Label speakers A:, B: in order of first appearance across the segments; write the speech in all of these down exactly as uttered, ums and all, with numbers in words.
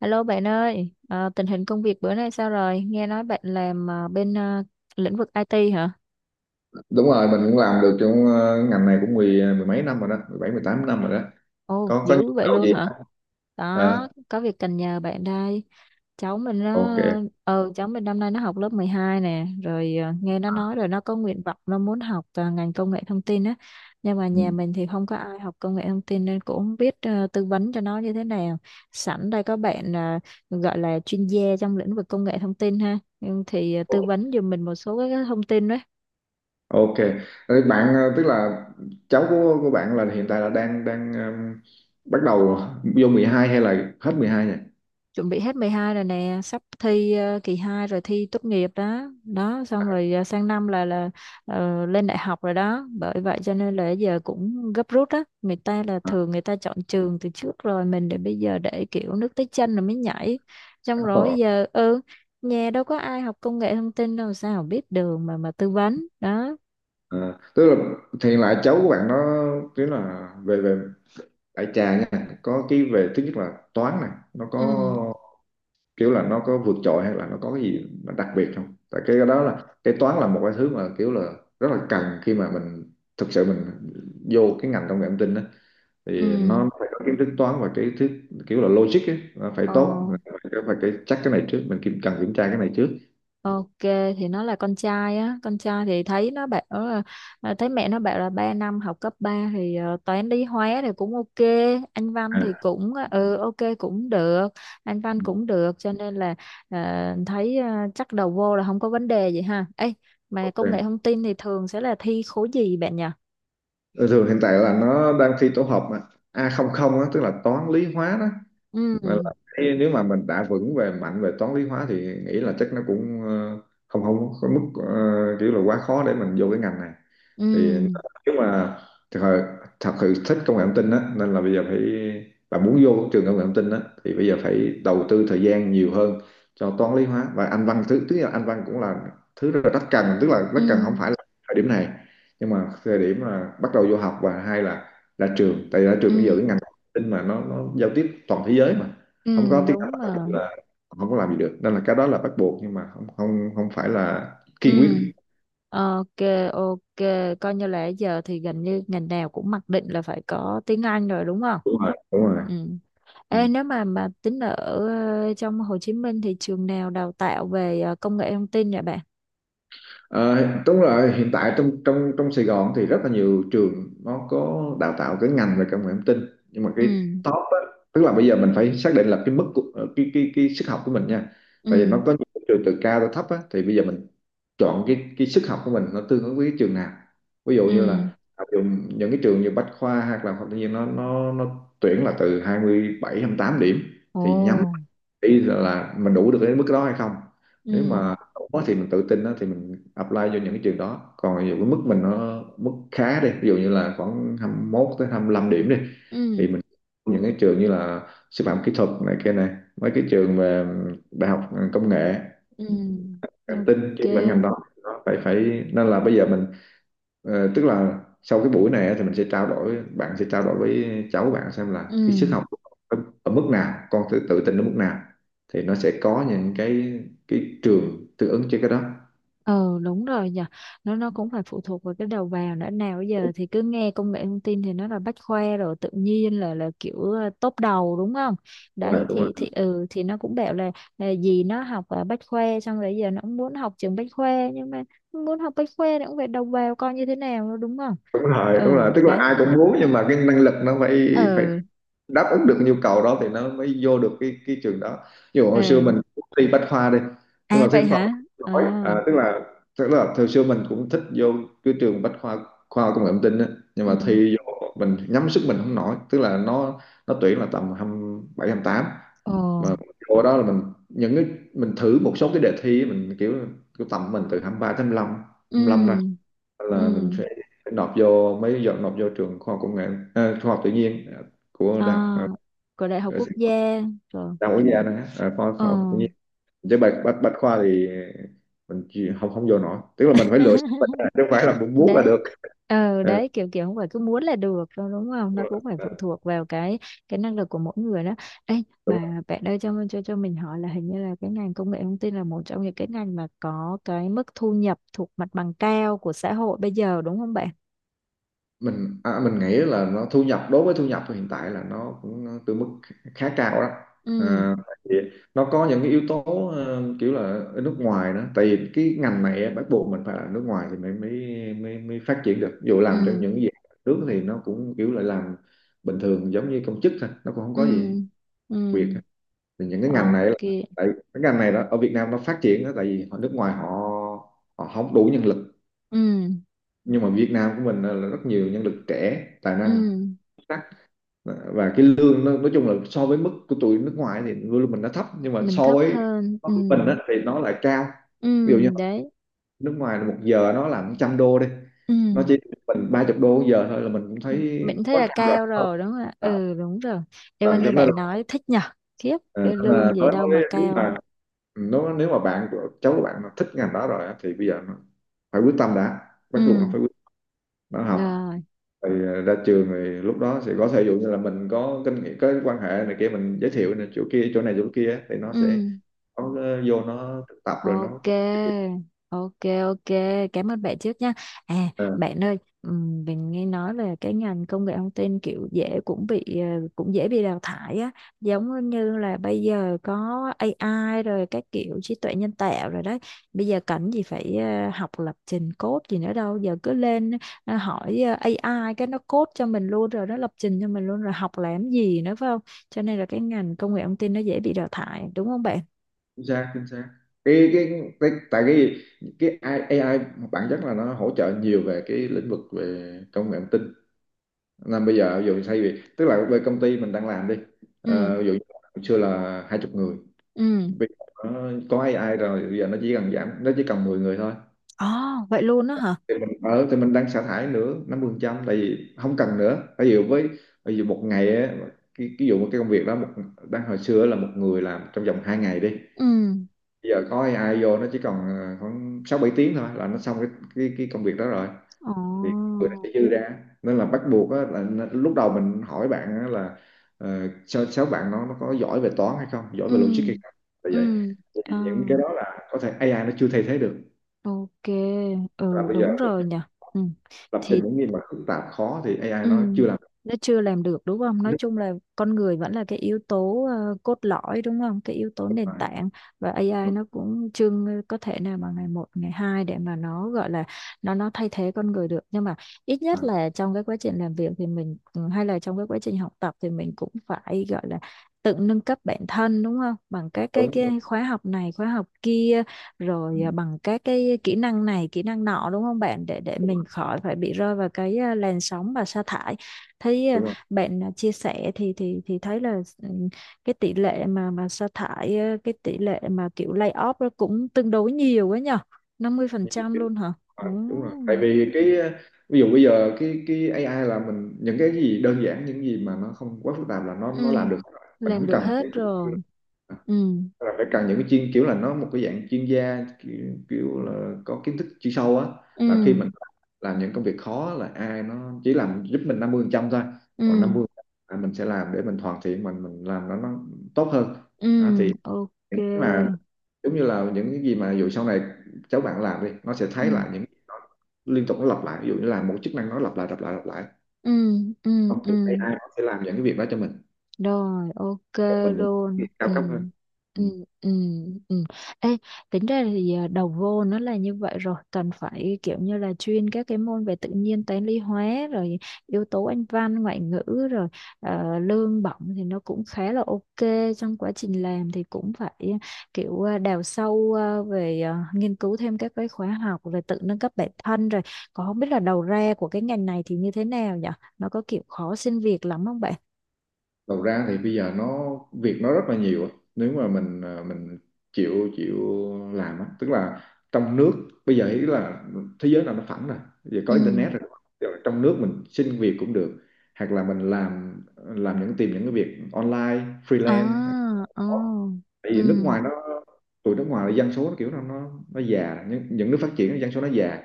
A: Alo bạn ơi, ờ, tình hình công việc bữa nay sao rồi? Nghe nói bạn làm ờ, bên ờ, lĩnh vực i tê hả?
B: Đúng rồi, mình cũng làm được trong ờ, ngành này cũng mười ờ, mười mấy năm rồi đó, mười bảy mười tám năm rồi đó.
A: Ồ,
B: có có nhu
A: dữ vậy
B: cầu
A: luôn
B: gì
A: hả?
B: không?
A: Đó,
B: Ờ,
A: có việc cần nhờ bạn đây. Cháu mình nó
B: ok.
A: ờ cháu mình năm nay nó học lớp mười hai nè, rồi ờ, nghe nó
B: À,
A: nói rồi nó có nguyện vọng nó muốn học ờ, ngành công nghệ thông tin á. Nhưng mà
B: ừ.
A: nhà mình thì không có ai học công nghệ thông tin nên cũng không biết ờ, tư vấn cho nó như thế nào. Sẵn đây có bạn ờ, gọi là chuyên gia trong lĩnh vực công nghệ thông tin ha. Nhưng thì ờ, tư vấn giùm mình một số cái thông tin đó.
B: Ok. Thế bạn ờ, tức là cháu của của bạn là hiện tại là đang đang ừm, bắt đầu vô mười hai hay là hết mười hai nhỉ?
A: Chuẩn bị hết mười hai rồi nè, sắp thi ờ, kỳ hai rồi thi tốt nghiệp đó đó, xong rồi ờ, sang năm là là ờ, lên đại học rồi đó. Bởi vậy cho nên là giờ cũng gấp rút á, người ta là
B: À,
A: thường người ta chọn trường từ trước rồi, mình để bây giờ để kiểu nước tới chân rồi mới nhảy. Xong rồi
B: ờ,
A: giờ ừ, nhà đâu có ai học công nghệ thông tin đâu sao biết đường mà mà tư vấn đó.
B: ờ. Tức là thì hiện lại cháu của bạn nó tức là về về đại trà nha, có cái về thứ nhất là toán này, nó có
A: Ừ,
B: kiểu là nó có vượt trội hay là nó có cái gì mà đặc biệt không? Tại cái đó là cái toán là một cái thứ mà kiểu là rất là cần khi mà mình thực sự mình vô cái ngành công nghệ thông tin đó,
A: ừ.
B: thì nó phải có kiến thức toán và cái thứ kiểu là logic ấy, nó phải
A: Ờ.
B: tốt, phải, phải cái chắc cái này trước, mình kiểm cần kiểm tra cái này trước.
A: Ok, thì nó là con trai á, con trai thì thấy nó bảo là, à, thấy mẹ nó bảo là ba năm học cấp ba thì ờ, toán lý hóa thì cũng ok, anh văn
B: À,
A: thì cũng ờ, ừ ok cũng được. Anh văn cũng được cho nên là ờ, thấy ờ, chắc đầu vô là không có vấn đề gì ha ấy. Mà công nghệ
B: ok.
A: thông tin thì thường sẽ là thi khối gì bạn nhỉ?
B: Ừ, thường hiện tại là nó đang thi tổ hợp mà, a không không á, tức là toán lý hóa đó. Nên
A: Ừ,
B: là thấy nếu mà mình đã vững về mạnh về toán lý hóa thì nghĩ là chắc nó cũng ờ, không không có mức ờ, kiểu là quá khó để mình vô cái ngành này. Thì
A: ừ,
B: nếu mà thật sự, thật sự thích công nghệ thông tin á, nên là bây giờ phải, bạn muốn vô trường công nghệ thông tin á thì bây giờ phải đầu tư thời gian nhiều hơn cho toán lý hóa và anh văn, thứ tức là anh văn cũng là thứ rất là rất cần, tức là rất cần không
A: ừ,
B: phải là thời điểm này nhưng mà thời điểm là bắt đầu vô học và hai là ra trường, tại ra trường
A: ừ,
B: bây giờ cái ngành thông tin mà nó nó giao tiếp toàn thế giới mà, không
A: ừ.
B: có tiếng Anh
A: Đúng rồi.
B: là không có làm gì được, nên là cái đó là bắt buộc nhưng mà không không không phải là kiên quyết.
A: Ừ. Ok, ok, coi như là giờ thì gần như ngành nào cũng mặc định là phải có tiếng Anh rồi đúng không?
B: Đúng rồi, đúng rồi.
A: Ừ. Ê,
B: Ừ.
A: nếu mà mà tính ở ờ, trong Hồ Chí Minh thì trường nào đào tạo về ờ, công nghệ thông tin vậy bạn?
B: Ờ, đúng rồi, hiện tại trong trong trong Sài Gòn thì rất là nhiều trường nó có đào tạo cái ngành về công nghệ thông tin, nhưng mà cái
A: Ừ,
B: top á, tức là bây giờ mình phải xác định là cái mức của, ờ, cái cái cái sức học của mình nha, tại vì
A: ừ,
B: nó có những cái trường từ cao tới thấp á, thì bây giờ mình chọn cái cái sức học của mình nó tương ứng với cái trường nào. Ví dụ như là
A: ừ,
B: học những cái trường như Bách Khoa hoặc là học tự nhiên, nó nó nó tuyển là từ hai mươi bảy hai mươi tám điểm,
A: ồ,
B: thì nhắm ý là, mình đủ được đến mức đó hay không. Nếu
A: ừ,
B: mà đủ thì mình tự tin đó, thì mình apply vô những cái trường đó, còn ví dụ cái mức mình nó mức khá đi, ví dụ như là khoảng hai mốt tới hai lăm điểm đi, thì
A: ừ,
B: mình những cái trường như là sư phạm kỹ thuật này kia này, mấy cái trường về đại học công nghệ
A: ừ,
B: cảm tin
A: ok,
B: chuyên về ngành đó. Đó, phải phải, nên là bây giờ mình ờ, tức là sau cái buổi này á, thì mình sẽ trao đổi, bạn sẽ trao đổi với cháu bạn xem là cái sức
A: ừ.
B: học của con ở, ở mức nào, con tự, tự tin ở mức nào, thì nó sẽ có những cái cái trường tương ứng cho cái đó.
A: Ừ đúng rồi, nhờ nó nó cũng phải phụ thuộc vào cái đầu vào nữa. Nào bây giờ thì cứ nghe công nghệ thông tin thì nó là bách khoa rồi tự nhiên là là kiểu ờ, top đầu đúng không?
B: Đúng rồi,
A: Đấy,
B: đúng
A: thì
B: rồi.
A: thì ừ thì nó cũng bảo là, là gì nó học ở bách khoa, xong rồi giờ nó cũng muốn học trường bách khoa nhưng mà muốn học bách khoa thì cũng phải đầu vào coi như thế nào đúng không?
B: Đúng rồi,
A: Ừ,
B: đúng rồi, tức là
A: đấy.
B: ai cũng muốn nhưng mà cái năng lực nó phải, phải
A: Ừ,
B: đáp ứng được cái nhu cầu đó thì nó mới vô được cái cái trường đó. Ví dụ hồi xưa mình
A: ừ.
B: thi bách khoa đi, nhưng
A: À
B: mà thi
A: vậy
B: khoa,
A: hả? À,
B: nói à, tức là tức là hồi xưa mình cũng thích vô cái trường bách khoa, khoa công nghệ thông tin á, nhưng mà
A: ừ,
B: thi vô mình nhắm sức mình không nổi, tức là nó nó tuyển là tầm hai mươi bảy tám,
A: ồ,
B: mà vô đó là mình những cái, mình thử một số cái đề thi á, mình kiểu kiểu tầm mình từ hai ba tới hai mươi lăm, hai mươi lăm ra
A: ừ, ừ.
B: là mình phải nộp vô, mấy giờ nộp vô trường khoa học công nghệ, à, khoa học tự nhiên à, của
A: À
B: đại học
A: của đại học
B: ở
A: quốc
B: Sài Gòn,
A: gia, rồi.
B: đa quốc gia đó, à, khoa,
A: Ờ.
B: khoa học tự nhiên, chứ bách bách bách khoa thì mình chỉ, không không vô nổi, tức là mình phải lựa bách ra, chứ không phải là mình muốn là
A: Đấy.
B: được.
A: Ờ,
B: Ờ,
A: đấy kiểu kiểu không phải cứ muốn là được đâu đúng không, nó cũng phải
B: ờ,
A: phụ thuộc vào cái cái năng lực của mỗi người đó. Ê,
B: đúng rồi.
A: mà bạn ơi, cho cho cho mình hỏi là hình như là cái ngành công nghệ thông tin là một trong những cái ngành mà có cái mức thu nhập thuộc mặt bằng cao của xã hội bây giờ đúng không bạn?
B: Mình à, mình nghĩ là nó thu nhập, đối với thu nhập hiện tại là nó cũng từ mức khá cao đó. À,
A: Ừ,
B: tại vì nó có những cái yếu tố ờ, kiểu là ở nước ngoài đó, tại vì cái ngành này á, bắt buộc mình phải là nước ngoài thì mới mới, mới, mới phát triển được. Ví dụ làm trong
A: ừ,
B: những gì nước thì nó cũng kiểu là làm bình thường giống như công chức thôi, nó cũng không
A: ừ,
B: có gì
A: ừ,
B: Việt á. Thì những cái ngành này là,
A: ok,
B: tại cái ngành này đó ở Việt Nam nó phát triển đó, tại vì ở nước ngoài họ họ không đủ nhân lực,
A: ừ,
B: nhưng mà Việt Nam của mình là rất nhiều nhân lực trẻ tài năng
A: ừ,
B: sắc, và cái lương nó, nói chung là so với mức của tụi nước ngoài thì lương mình nó thấp, nhưng mà
A: mình
B: so
A: thấp
B: với
A: hơn,
B: so
A: ừ,
B: với mình á, thì nó lại cao.
A: ừ,
B: Ví dụ như
A: đấy,
B: nước ngoài là một giờ nó là một trăm đô đi,
A: ừ,
B: nó chỉ, mình ba chục đô một giờ thôi là mình cũng thấy
A: mình thấy
B: quá
A: là
B: cao rồi.
A: cao rồi đúng không ạ?
B: Ờ,
A: Ừ, đúng rồi,
B: và
A: em
B: cho
A: nghe
B: nên là,
A: bạn nói thích nhở. Khiếp,
B: à,
A: cái
B: cho nên là
A: lương gì
B: nói
A: đâu mà
B: nói nếu
A: cao.
B: mà nó nếu mà bạn của cháu của bạn nó thích ngành đó rồi á, thì bây giờ nó phải quyết tâm, đã bắt buộc nó
A: Ừ,
B: phải quyết, nó học
A: rồi,
B: thì ờ, ra trường thì lúc đó sẽ có thể dụ như là mình có kinh nghiệm, có quan hệ này kia, mình giới thiệu này chỗ kia chỗ này chỗ kia á, thì nó sẽ
A: ừ.
B: có ờ, vô nó thực tập rồi nó
A: Ok,
B: có kinh nghiệm.
A: ok, ok. Cảm ơn bạn trước nha. À, bạn ơi, ừm, mình nghe nói là cái ngành công nghệ thông tin kiểu dễ cũng bị ờ, cũng dễ bị đào thải á, giống như là bây giờ có a i rồi các kiểu trí tuệ nhân tạo rồi đấy. Bây giờ cần gì phải ờ, học lập trình code gì nữa đâu, giờ cứ lên ờ, hỏi ờ, ây ai cái nó code cho mình luôn rồi, nó lập trình cho mình luôn rồi học làm gì nữa phải không? Cho nên là cái ngành công nghệ thông tin nó dễ bị đào thải, đúng không bạn?
B: Chính xác, chính xác. Cái cái, cái tại cái cái a i, a i bản chất là nó hỗ trợ nhiều về cái lĩnh vực về công nghệ thông tin, nên bây giờ ví dụ như thay vì tức là về công ty mình đang làm đi,
A: Ừ,
B: ờ, ví dụ như là hồi xưa là hai chục người.
A: ừ.
B: Bây giờ có có a i rồi, bây giờ nó chỉ cần giảm, nó chỉ cần mười người thôi,
A: Ồ, vậy luôn á hả?
B: thì mình ở thì mình đang sa thải nữa năm mươi phần trăm, tại vì không cần nữa. Ví dụ với ví dụ một ngày á, cái ví dụ một cái công việc đó một, đang hồi xưa là một người làm trong vòng hai ngày đi,
A: Ừ,
B: bây giờ có a i vô nó chỉ còn ờ, khoảng sáu bảy tiếng thôi là nó xong cái cái, cái công việc đó rồi.
A: ồ,
B: Thì người nó sẽ dư ra, nên là bắt buộc á, là n- lúc đầu mình hỏi bạn á, là ờ, sao sao bạn nó nó có giỏi về toán hay không, giỏi
A: ừ,
B: về logic hay không, là
A: ừ,
B: vậy, thì
A: à,
B: những cái đó là có thể a i nó chưa thay thế được.
A: ok,
B: Là
A: ừ
B: bây giờ
A: đúng rồi nhỉ. Ừ.
B: lập
A: Thì
B: trình những gì mà phức tạp khó thì a i nó
A: ừ,
B: chưa làm
A: nó chưa làm được đúng không? Nói
B: được.
A: chung là con người vẫn là cái yếu tố ờ, cốt lõi đúng không? Cái yếu tố nền
B: À,
A: tảng và a i
B: đúng,
A: nó cũng chưa có thể nào mà ngày một, ngày hai để mà nó gọi là nó nó thay thế con người được. Nhưng mà ít nhất
B: à,
A: là trong cái quá trình làm việc thì mình ừ, hay là trong cái quá trình học tập thì mình cũng phải gọi là tự nâng cấp bản thân đúng không? Bằng các cái,
B: đúng đúng.
A: cái khóa học này, khóa học kia,
B: Ừ,
A: rồi à, bằng các cái kỹ năng này kỹ năng nọ đúng không bạn, để để
B: đúng rồi,
A: mình khỏi phải bị rơi vào cái à, làn sóng và sa thải. Thấy à,
B: đúng rồi.
A: bạn à, chia sẻ thì thì thì thấy là ừ, cái tỷ lệ mà mà sa thải à, cái tỷ lệ mà kiểu lay off đó cũng tương đối nhiều ấy nhở, năm mươi phần
B: Như
A: trăm
B: cái-
A: luôn hả?
B: à,
A: Ồ,
B: đúng rồi, tại vì cái ờ, ví dụ bây giờ cái cái a i là mình những cái gì đơn giản, những gì mà nó không quá phức tạp là nó nó làm
A: ừ,
B: được rồi. Mình
A: làm
B: không
A: được
B: cần cái,
A: hết rồi. Ừ,
B: là phải cần những cái chuyên kiểu là nó một cái dạng chuyên gia kiểu, kiểu là có kiến thức chuyên sâu á,
A: ừ,
B: là khi mình làm những công việc khó là ai nó chỉ làm giúp mình năm mươi phần trăm thôi, còn
A: ừ,
B: năm mươi là mình sẽ làm để mình hoàn thiện, mình mình làm nó nó tốt hơn. Đó,
A: ừ,
B: thì
A: ok,
B: những cái mà giống như là những cái gì mà dù sau này cháu bạn làm đi, nó sẽ
A: ừ,
B: thấy lại những, liên tục nó lặp lại, ví dụ như là một chức năng nó lặp lại lặp lại lặp lại,
A: ừ, ừ,
B: không
A: ừ.
B: thì a i nó sẽ làm những cái việc đó cho mình.
A: Rồi, ok
B: Còn mình những cái
A: luôn.
B: việc cao
A: Ừ.
B: cấp hơn. Ừ.
A: Ừ, ừ, ừ. Ê, tính ra thì à, đầu vô nó là như vậy rồi, cần phải kiểu như là chuyên các cái môn về tự nhiên toán lý hóa, rồi yếu tố anh văn ngoại ngữ, rồi ờ, lương bổng thì nó cũng khá là ok, trong quá trình làm thì cũng phải kiểu à, đào sâu à, về à, nghiên cứu thêm các cái khóa học rồi tự nâng cấp bản thân, rồi còn không biết là đầu ra của cái ngành này thì như thế nào nhỉ, nó có kiểu khó xin việc lắm không bạn?
B: Đầu ra thì bây giờ nó việc nó rất là nhiều á. Nếu mà mình à, mình chịu chịu làm á, tức là trong nước, bây giờ ý là thế giới là nó phẳng rồi, giờ có
A: Ừ.
B: internet rồi. Giờ trong nước mình xin việc cũng được, hoặc là mình làm làm những tìm những cái việc online
A: À,
B: freelance.
A: ờ,
B: Tại
A: ừ,
B: vì nước ngoài nó, tụi nước ngoài là dân số nó kiểu nó nó nó già, những, những nước phát triển dân số nó già,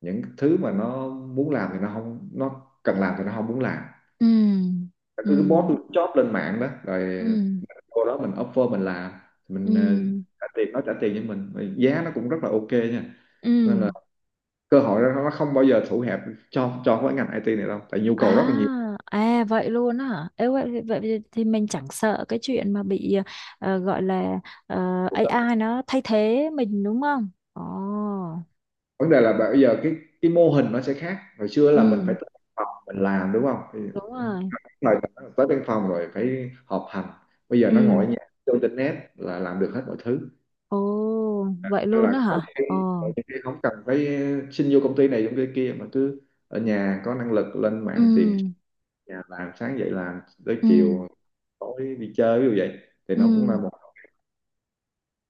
B: những thứ mà nó muốn làm thì nó không, nó cần làm thì nó không muốn làm,
A: ừ, ừ,
B: cứ post job lên mạng đó rồi
A: ừ,
B: mình vô đó mình offer mình làm. Mình ờ,
A: ừ,
B: trả tiền, nó trả tiền cho mình. Rồi giá nó cũng rất là ok nha.
A: ừ.
B: Nên là cơ hội đó nó không bao giờ thủ hẹp cho cho cái ngành i tê này đâu, tại nhu cầu rất là nhiều.
A: À, à vậy luôn á hả? Ê, vậy, vậy thì thì mình chẳng sợ cái chuyện mà bị ờ, gọi là ờ, a i nó thay thế mình đúng không? Ồ,
B: Vấn đề là bây giờ cái cái mô hình nó sẽ khác, hồi xưa là mình
A: ừ,
B: phải tới văn phòng mình làm đúng không, thì
A: đúng rồi.
B: rồi tới văn phòng rồi phải họp hành, bây giờ nó
A: Ừ,
B: ngồi ở nhà vô internet là làm được hết mọi thứ.
A: ồ, vậy
B: Hay
A: luôn
B: là
A: á
B: có
A: hả?
B: khi,
A: Ồ,
B: có khi không cần phải xin vô công ty này công ty kia, mà cứ ở nhà có năng lực lên
A: ừ,
B: mạng tìm chỗ nhà làm, sáng dậy làm tới
A: ừ,
B: chiều tối đi chơi như vậy, thì nó cũng
A: ừ.
B: là một.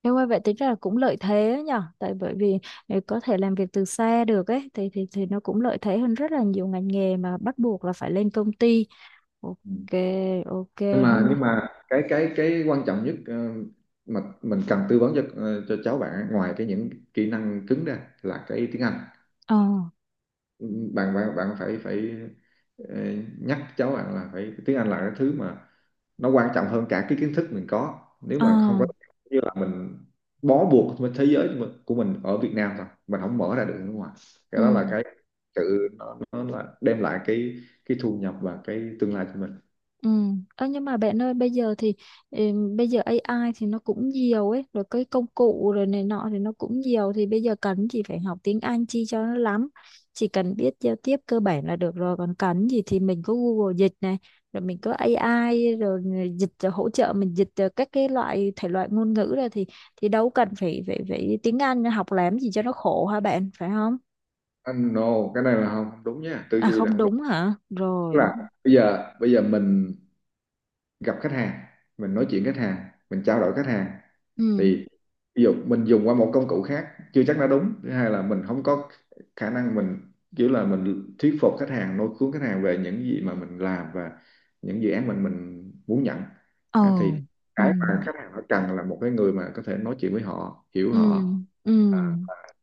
A: Nếu mà vậy tính ra là cũng lợi thế ấy nhở, tại bởi vì ờ, có thể làm việc từ xa được ấy thì thì thì nó cũng lợi thế hơn rất là nhiều ngành nghề mà bắt buộc là phải lên công ty.
B: Ừ.
A: Ok, ok,
B: nhưng mà
A: hôm nay,
B: nhưng mà cái cái cái quan trọng nhất, ờ, mà mình cần tư vấn cho, ờ, cho cháu bạn, ngoài cái những kỹ năng cứng ra là cái tiếng Anh.
A: ờ,
B: Bạn bạn bạn phải phải ờ, nhắc cháu bạn là phải, tiếng Anh là cái thứ mà nó quan trọng hơn cả cái kiến thức mình có. Nếu
A: ờ,
B: mà không có, như là mình bó buộc với thế giới của mình, của mình ở Việt Nam thôi, mình không mở ra được nước ngoài. Cái
A: ừ.
B: đó là cái sự, nó, nó là đem lại cái cái thu nhập và cái tương lai cho mình.
A: Ừ. Ơ, nhưng mà bạn ơi bây giờ thì ừm, bây giờ a i thì nó cũng nhiều ấy rồi, cái công cụ rồi này nọ thì nó cũng nhiều, thì bây giờ cần gì phải học tiếng Anh chi cho nó lắm, chỉ cần biết giao tiếp cơ bản là được rồi, còn cần gì thì mình có Google dịch này, rồi mình có a i rồi dịch rồi hỗ trợ mình dịch ờ, các cái loại thể loại ngôn ngữ ra thì thì đâu cần phải phải phải tiếng Anh học làm gì cho nó khổ hả bạn, phải không?
B: Anh no, cái này là không, không đúng nha, tư
A: À
B: duy là
A: không
B: không đúng.
A: đúng hả,
B: Tức
A: rồi,
B: là bây giờ bây giờ mình gặp khách hàng, mình nói chuyện khách hàng, mình trao đổi khách hàng,
A: ừ,
B: thì ví dụ mình dùng qua một công cụ khác chưa chắc đã đúng. Thứ hai là mình không có khả năng mình kiểu là mình thuyết phục khách hàng, lôi cuốn khách hàng về những gì mà mình làm và những dự án mình mình muốn nhận.
A: ồ,
B: Đó, thì
A: ừ,
B: cái mà khách hàng họ cần là một cái người mà có thể nói chuyện với họ, hiểu
A: ừ,
B: họ,
A: ừ,
B: à,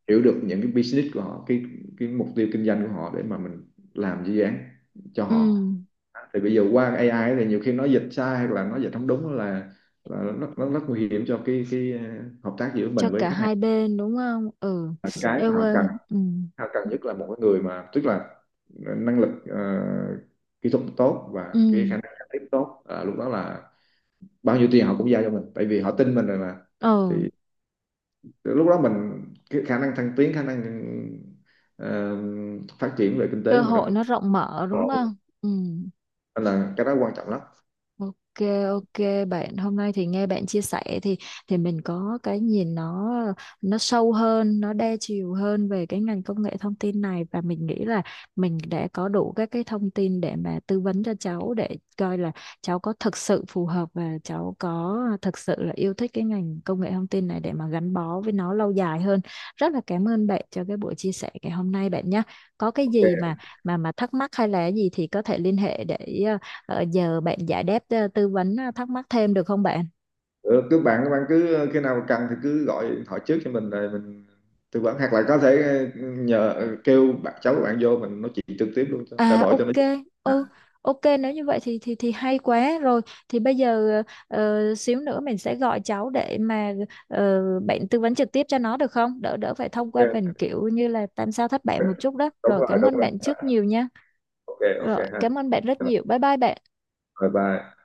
B: hiểu được những cái business của họ, cái cái mục tiêu kinh doanh của họ, để mà mình làm dự án cho
A: ừ,
B: họ. Thì bây giờ qua a i thì nhiều khi nó dịch sai hoặc là nó dịch không đúng, là là nó, nó rất nguy hiểm cho cái cái ờ, hợp tác giữa
A: cho
B: mình với
A: cả
B: khách hàng.
A: hai bên đúng không? Ừ,
B: Và cái mà
A: yêu
B: họ
A: ơi,
B: cần,
A: ừ,
B: họ cần nhất là một cái người mà, tức là năng lực ờ, kỹ thuật tốt và
A: ừ,
B: cái khả năng giao tiếp tốt, à, lúc đó là bao nhiêu tiền họ cũng giao cho mình, tại vì họ tin mình rồi mà.
A: ờ,
B: Thì lúc đó mình cái khả năng thăng tiến, khả năng ờ, phát triển về kinh tế
A: cơ
B: của mình rất
A: hội
B: là.
A: nó rộng mở
B: Ờ,
A: đúng không? Ừ.
B: nên là cái đó quan trọng lắm.
A: Ok, ok bạn, hôm nay thì nghe bạn chia sẻ thì thì mình có cái nhìn nó nó sâu hơn, nó đa chiều hơn về cái ngành công nghệ thông tin này và mình nghĩ là mình đã có đủ các cái thông tin để mà tư vấn cho cháu để coi là cháu có thực sự phù hợp và cháu có thực sự là yêu thích cái ngành công nghệ thông tin này để mà gắn bó với nó lâu dài hơn. Rất là cảm ơn bạn cho cái buổi chia sẻ ngày hôm nay bạn nhé. Có cái gì
B: Ok.
A: mà mà mà thắc mắc hay là gì thì có thể liên hệ để, Ờ, giờ bạn giải đáp ờ, tư vấn ờ, thắc mắc thêm được không bạn?
B: Ừ, cứ bạn các bạn cứ khi nào cần thì cứ gọi điện thoại trước cho mình, rồi mình tư vấn, hoặc là có thể ờ, nhờ, ờ, kêu bạn, cháu của bạn vô mình nói chuyện trực tiếp luôn, cho trao
A: À
B: đổi cho
A: ok,
B: nó,
A: ừ,
B: à,
A: ok nếu như vậy thì thì thì hay quá rồi. Thì bây giờ ờ, xíu nữa mình sẽ gọi cháu để mà ờ, bạn tư vấn trực tiếp cho nó được không? Đỡ đỡ phải thông qua mình
B: ok,
A: kiểu như là tam sao thất bại một chút đó.
B: đúng
A: Rồi
B: rồi,
A: cảm
B: đúng
A: ơn
B: rồi,
A: bạn trước nhiều nha.
B: ok, ok
A: Rồi
B: ha.
A: cảm ơn bạn rất
B: Rồi,
A: nhiều. Bye bye bạn.
B: bye bye.